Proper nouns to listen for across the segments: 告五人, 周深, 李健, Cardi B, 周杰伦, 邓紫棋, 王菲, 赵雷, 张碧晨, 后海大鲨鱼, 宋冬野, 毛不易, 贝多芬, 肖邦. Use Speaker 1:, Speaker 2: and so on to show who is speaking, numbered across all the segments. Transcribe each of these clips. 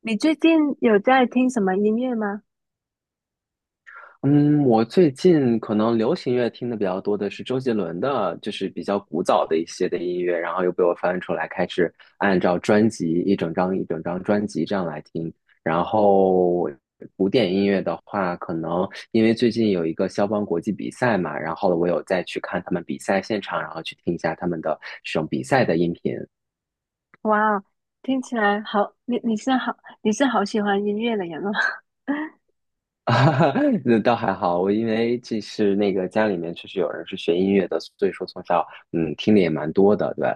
Speaker 1: 你最近有在听什么音乐吗？
Speaker 2: 嗯，我最近可能流行乐听的比较多的是周杰伦的，就是比较古早的一些的音乐，然后又被我翻出来，开始按照专辑一整张一整张专辑这样来听。然后古典音乐的话，可能因为最近有一个肖邦国际比赛嘛，然后我有再去看他们比赛现场，然后去听一下他们的这种比赛的音频。
Speaker 1: 哇哦，听起来好，你是好，你是好喜欢音乐的人哦。
Speaker 2: 啊 那倒还好，我因为这是那个家里面确实有人是学音乐的，所以说从小听的也蛮多的，对，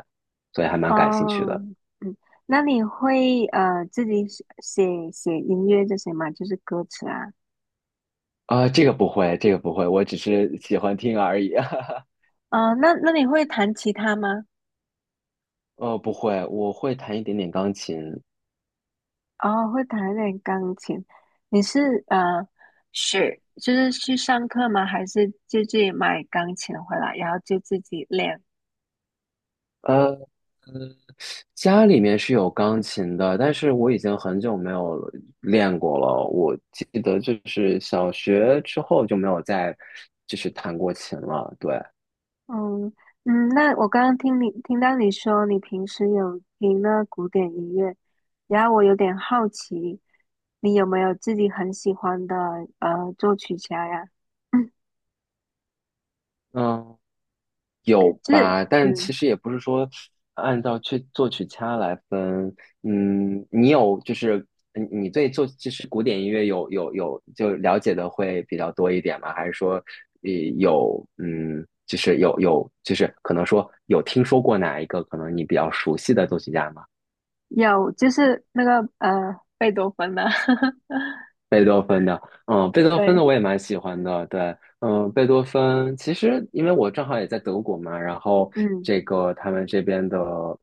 Speaker 2: 所以还 蛮感兴趣
Speaker 1: 哦，
Speaker 2: 的。
Speaker 1: 嗯，那你会自己写音乐这些吗？就是歌词啊。
Speaker 2: 啊、这个不会，这个不会，我只是喜欢听而已。
Speaker 1: 哦，那你会弹吉他吗？
Speaker 2: 不会，我会弹一点点钢琴。
Speaker 1: 哦，会弹一点钢琴。你是学就是去上课吗？还是就自己买钢琴回来，然后就自己练？
Speaker 2: 呃，家里面是有钢琴的，但是我已经很久没有练过了。我记得就是小学之后就没有再就是弹过琴了。对，
Speaker 1: 嗯嗯，那我刚刚听你听到你说你平时有听那古典音乐，然后我有点好奇，你有没有自己很喜欢的作曲家呀？嗯，
Speaker 2: 嗯。有
Speaker 1: 就是
Speaker 2: 吧，但其
Speaker 1: 嗯
Speaker 2: 实也不是说按照去作曲家来分，嗯，你有就是嗯你对作就是古典音乐有就了解的会比较多一点吗？还是说，呃，有嗯，就是有有就是可能说有听说过哪一个可能你比较熟悉的作曲家吗？
Speaker 1: 有，就是贝多芬的，
Speaker 2: 贝多芬的，贝多芬
Speaker 1: 对，
Speaker 2: 的我也蛮喜欢的，对，贝多芬其实因为我正好也在德国嘛，然后
Speaker 1: 嗯，
Speaker 2: 这个他们这边的，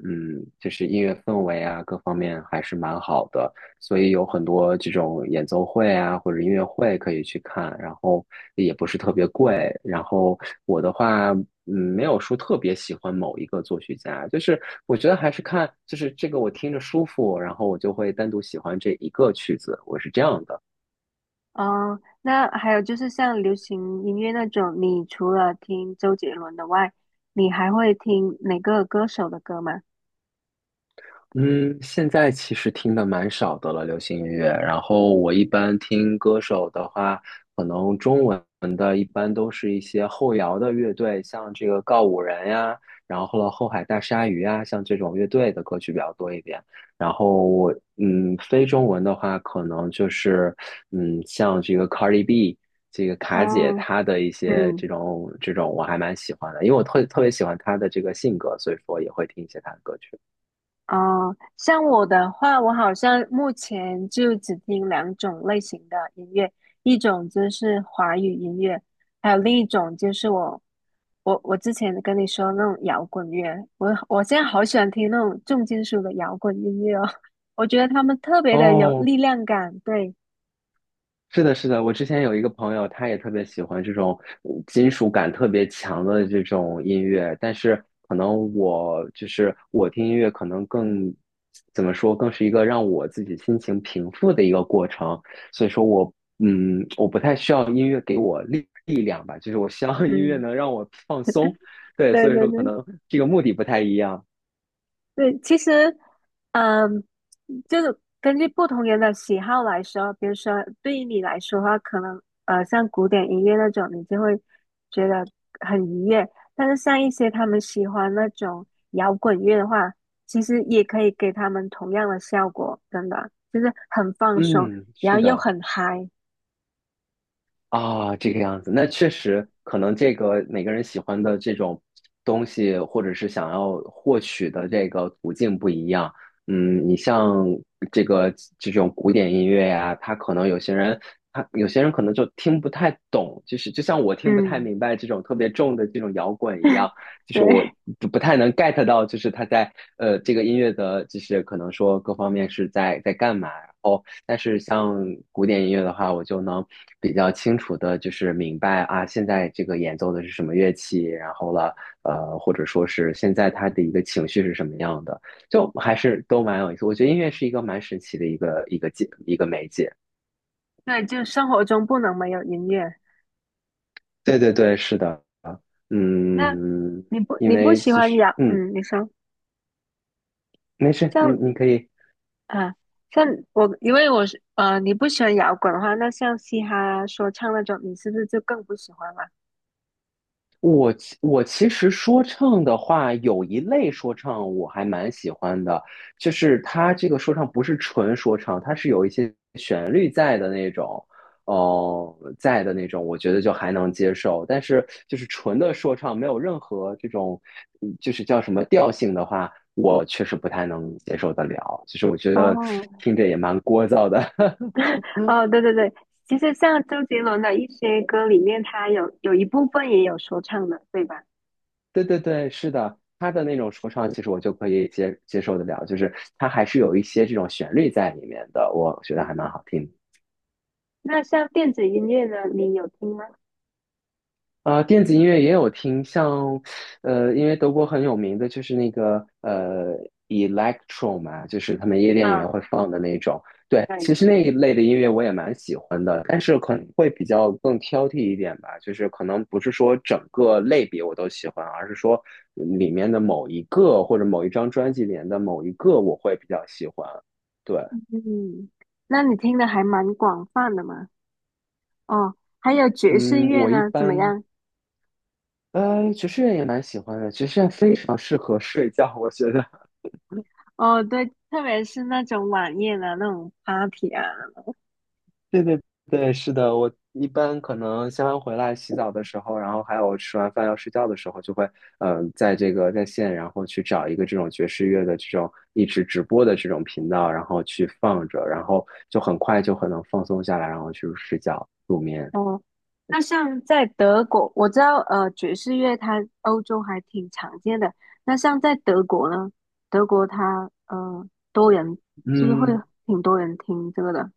Speaker 2: 就是音乐氛围啊，各方面还是蛮好的，所以有很多这种演奏会啊或者音乐会可以去看，然后也不是特别贵，然后我的话。没有说特别喜欢某一个作曲家，就是我觉得还是看，就是这个我听着舒服，然后我就会单独喜欢这一个曲子，我是这样的。
Speaker 1: 哦，那还有就是像流行音乐那种，你除了听周杰伦的外，你还会听哪个歌手的歌吗？
Speaker 2: 嗯，现在其实听的蛮少的了，流行音乐。然后我一般听歌手的话，可能中文的一般都是一些后摇的乐队，像这个告五人呀，然后了后海大鲨鱼呀，像这种乐队的歌曲比较多一点。然后我非中文的话，可能就是像这个 Cardi B。这个卡姐
Speaker 1: 哦，
Speaker 2: 她的一些这
Speaker 1: 嗯。
Speaker 2: 种这种我还蛮喜欢的，因为我特别喜欢她的这个性格，所以说也会听一些她的歌曲。
Speaker 1: 哦，像我的话，我好像目前就只听两种类型的音乐，一种就是华语音乐，还有另一种就是我之前跟你说那种摇滚乐，我现在好喜欢听那种重金属的摇滚音乐哦，我觉得他们特别的有
Speaker 2: 哦，
Speaker 1: 力量感，对，
Speaker 2: 是的，是的，我之前有一个朋友，他也特别喜欢这种金属感特别强的这种音乐，但是可能我就是我听音乐可能更怎么说，更是一个让我自己心情平复的一个过程，所以说我不太需要音乐给我力量吧，就是我希望音乐
Speaker 1: 嗯，
Speaker 2: 能让我放松，对，
Speaker 1: 对
Speaker 2: 所以
Speaker 1: 对
Speaker 2: 说可
Speaker 1: 对。
Speaker 2: 能这个目的不太一样，
Speaker 1: 对，其实，嗯，就是根据不同人的喜好来说，比如说对于你来说的话，可能像古典音乐那种，你就会觉得很愉悦；但是像一些他们喜欢那种摇滚乐的话，其实也可以给他们同样的效果，真的就是很放松，
Speaker 2: 嗯，
Speaker 1: 然
Speaker 2: 是
Speaker 1: 后又
Speaker 2: 的。
Speaker 1: 很嗨。
Speaker 2: 啊，这个样子，那确实可能这个每个人喜欢的这种东西，或者是想要获取的这个途径不一样。你像这个这种古典音乐呀，他有些人可能就听不太懂，就是就像我听不太
Speaker 1: 嗯，
Speaker 2: 明白这种特别重的这种摇滚一样，就是我
Speaker 1: 对
Speaker 2: 不太能 get 到，就是他在这个音乐的，就是可能说各方面是在干嘛。但是像古典音乐的话，我就能比较清楚的，就是明白啊，现在这个演奏的是什么乐器，然后了，或者说是现在他的一个情绪是什么样的，就还是都蛮有意思。我觉得音乐是一个蛮神奇的一个媒介。
Speaker 1: 对，就生活中不能没有音乐。
Speaker 2: 对对对，是的，
Speaker 1: 那
Speaker 2: 嗯，
Speaker 1: 你不
Speaker 2: 因
Speaker 1: 你不
Speaker 2: 为
Speaker 1: 喜
Speaker 2: 其
Speaker 1: 欢
Speaker 2: 实
Speaker 1: 摇，
Speaker 2: 嗯，
Speaker 1: 嗯，你说。
Speaker 2: 没事，
Speaker 1: 像
Speaker 2: 你可以。
Speaker 1: 啊，像我，因为我是，你不喜欢摇滚的话，那像嘻哈、说唱那种，你是不是就更不喜欢了？
Speaker 2: 我其实说唱的话，有一类说唱我还蛮喜欢的，就是它这个说唱不是纯说唱，它是有一些旋律在的那种，哦、在的那种，我觉得就还能接受。但是就是纯的说唱，没有任何这种，就是叫什么调性的话，我确实不太能接受得了。其实我觉得
Speaker 1: 哦，
Speaker 2: 听着也蛮聒噪的。
Speaker 1: 哦，对对对，其实像周杰伦的一些歌里面，他有一部分也有说唱的，对吧？
Speaker 2: 对对对，是的，他的那种说唱，其实我就可以接受得了，就是他还是有一些这种旋律在里面的，我觉得还蛮
Speaker 1: 嗯，
Speaker 2: 好听的。
Speaker 1: 那像电子音乐呢，你有听吗？
Speaker 2: 啊、电子音乐也有听，像，因为德国很有名的就是那个electro 嘛，就是他们夜店里面
Speaker 1: 啊，
Speaker 2: 会放的那种。对，
Speaker 1: 对，
Speaker 2: 其实那一类的音乐我也蛮喜欢的，但是可能会比较更挑剔一点吧，就是可能不是说整个类别我都喜欢，而是说里面的某一个或者某一张专辑里面的某一个我会比较喜欢。对，
Speaker 1: 嗯，那你听的还蛮广泛的嘛。哦，还有爵士
Speaker 2: 嗯，
Speaker 1: 乐
Speaker 2: 我一
Speaker 1: 呢，怎么
Speaker 2: 般。
Speaker 1: 样？
Speaker 2: 爵士乐也蛮喜欢的，爵士乐非常适合睡觉，我觉得。
Speaker 1: 哦，对，特别是那种晚宴啊，那种 party 啊。
Speaker 2: 对对对，是的，我一般可能下班回来洗澡的时候，然后还有吃完饭要睡觉的时候，就会在这个在线，然后去找一个这种爵士乐的这种一直直播的这种频道，然后去放着，然后就很快就很能放松下来，然后去睡觉入眠。
Speaker 1: 哦，那像在德国，我知道爵士乐它欧洲还挺常见的。那像在德国呢，德国它多人是不是会
Speaker 2: 嗯，
Speaker 1: 挺多人听这个的？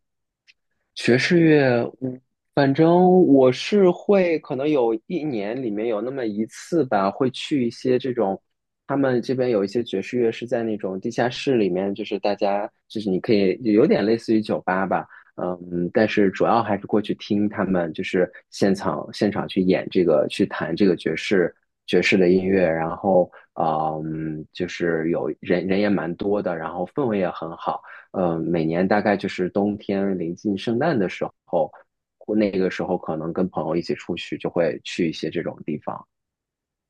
Speaker 2: 爵士乐，反正我是会，可能有一年里面有那么一次吧，会去一些这种，他们这边有一些爵士乐是在那种地下室里面，就是大家就是你可以有点类似于酒吧吧，但是主要还是过去听他们就是现场去演这个去弹这个爵士的音乐，然后就是有人也蛮多的，然后氛围也很好。每年大概就是冬天临近圣诞的时候，或那个时候可能跟朋友一起出去，就会去一些这种地方。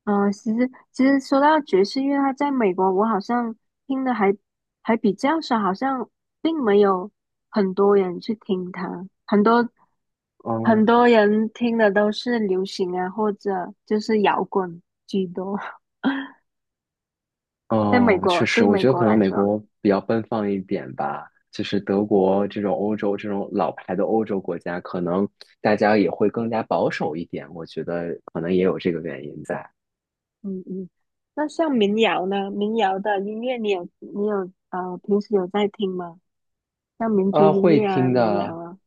Speaker 1: 其实说到爵士乐，它在美国我好像听的还比较少，好像并没有很多人去听它，很多
Speaker 2: 嗯
Speaker 1: 人听的都是流行啊，或者就是摇滚居多。在美
Speaker 2: 嗯，
Speaker 1: 国，
Speaker 2: 确实，
Speaker 1: 对
Speaker 2: 我
Speaker 1: 美
Speaker 2: 觉得
Speaker 1: 国
Speaker 2: 可能
Speaker 1: 来
Speaker 2: 美
Speaker 1: 说。
Speaker 2: 国比较奔放一点吧。就是德国这种欧洲这种老牌的欧洲国家，可能大家也会更加保守一点。我觉得可能也有这个原因在。
Speaker 1: 嗯嗯，那像民谣呢？民谣的音乐你有平时有在听吗？像民族
Speaker 2: 啊，
Speaker 1: 音
Speaker 2: 会
Speaker 1: 乐啊，
Speaker 2: 听
Speaker 1: 民谣
Speaker 2: 的，
Speaker 1: 啊，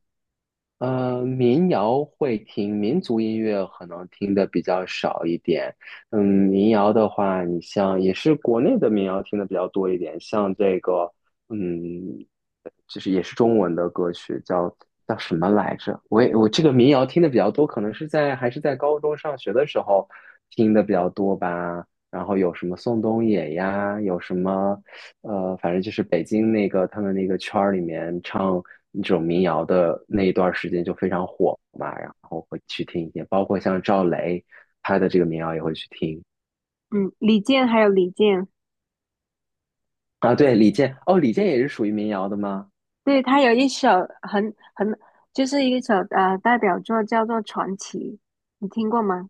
Speaker 2: 民谣会听，民族音乐可能听的比较少一点。民谣的话，你像也是国内的民谣听的比较多一点，像这个，嗯，就是也是中文的歌曲，叫什么来着？我这个民谣听的比较多，可能是在还是在高中上学的时候听的比较多吧。然后有什么宋冬野呀，有什么反正就是北京那个他们那个圈儿里面唱那种民谣的那一段时间就非常火嘛，然后会去听一些，包括像赵雷他的这个民谣也会去听
Speaker 1: 嗯，李健，
Speaker 2: 啊。对，李健，哦，李健也是属于民谣的吗？
Speaker 1: 对，他有一首很很就是一首代表作叫做《传奇》，你听过吗？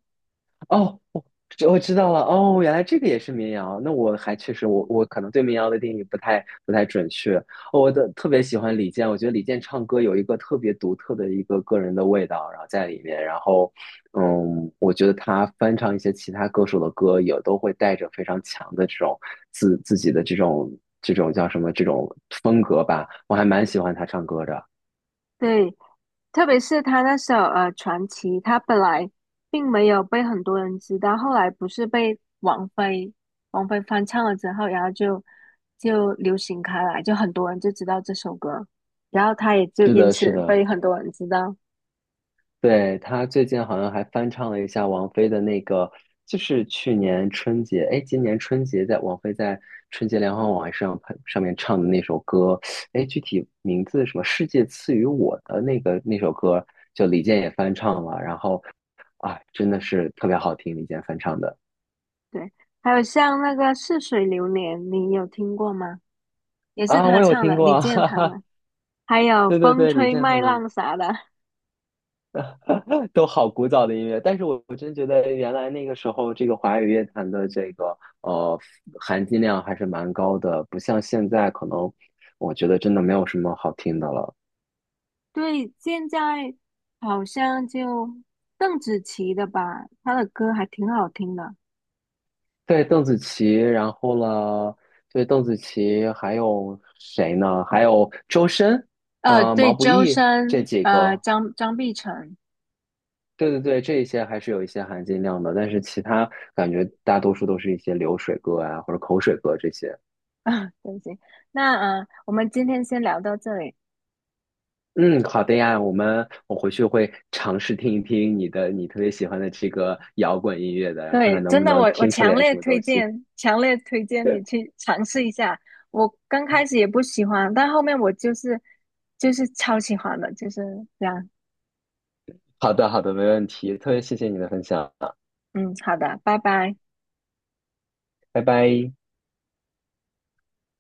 Speaker 2: 哦，我知道了。哦，原来这个也是民谣。那我还确实，我可能对民谣的定义不太准确。哦我的特别喜欢李健，我觉得李健唱歌有一个特别独特的一个个人的味道，然后在里面。然后，我觉得他翻唱一些其他歌手的歌，也都会带着非常强的这种自己的这种叫什么这种风格吧。我还蛮喜欢他唱歌的。
Speaker 1: 对，特别是他那首《传奇》，他本来并没有被很多人知道，后来不是被王菲翻唱了之后，然后就流行开来，就很多人就知道这首歌，然后他也就
Speaker 2: 是
Speaker 1: 因
Speaker 2: 的，是
Speaker 1: 此
Speaker 2: 的。
Speaker 1: 被很多人知道。
Speaker 2: 对，他最近好像还翻唱了一下王菲的那个，就是去年春节，哎，今年春节在王菲在春节联欢晚会上上面唱的那首歌，哎，具体名字什么《世界赐予我的》那首歌，就李健也翻唱了，然后啊，真的是特别好听，李健翻唱的。
Speaker 1: 对，还有像那个《似水流年》，你有听过吗？也是
Speaker 2: 啊，
Speaker 1: 他
Speaker 2: 我有
Speaker 1: 唱
Speaker 2: 听
Speaker 1: 的，
Speaker 2: 过
Speaker 1: 李
Speaker 2: 啊，
Speaker 1: 健
Speaker 2: 哈
Speaker 1: 他
Speaker 2: 哈，
Speaker 1: 们，还有
Speaker 2: 对对
Speaker 1: 《风
Speaker 2: 对，李
Speaker 1: 吹
Speaker 2: 健他
Speaker 1: 麦
Speaker 2: 们
Speaker 1: 浪》啥的，
Speaker 2: 都好古早的音乐，但是我真觉得原来那个时候，这个华语乐坛的这个含金量还是蛮高的，不像现在可能，我觉得真的没有什么好听的了。
Speaker 1: 对，现在好像就邓紫棋的吧，她的歌还挺好听的。
Speaker 2: 对，邓紫棋，然后呢，对，邓紫棋，还有谁呢？还有周深，
Speaker 1: 呃，对，
Speaker 2: 毛不
Speaker 1: 周
Speaker 2: 易这
Speaker 1: 深，
Speaker 2: 几
Speaker 1: 呃，
Speaker 2: 个，
Speaker 1: 张碧晨。
Speaker 2: 对对对，这一些还是有一些含金量的，但是其他感觉大多数都是一些流水歌啊，或者口水歌这些。
Speaker 1: 啊，对不起，那，我们今天先聊到这里。
Speaker 2: 嗯，好的呀，我回去会尝试听一听你特别喜欢的这个摇滚音乐的，看看
Speaker 1: 对，
Speaker 2: 能
Speaker 1: 真
Speaker 2: 不
Speaker 1: 的，
Speaker 2: 能
Speaker 1: 我我
Speaker 2: 听出来
Speaker 1: 强
Speaker 2: 点
Speaker 1: 烈
Speaker 2: 什么东
Speaker 1: 推
Speaker 2: 西。
Speaker 1: 荐，强烈推荐你 去尝试一下。我刚开始也不喜欢，但后面我就是就是超喜欢的，就是这样。
Speaker 2: 好的，好的，没问题，特别谢谢你的分享啊，
Speaker 1: 嗯，好的，拜拜。
Speaker 2: 拜拜。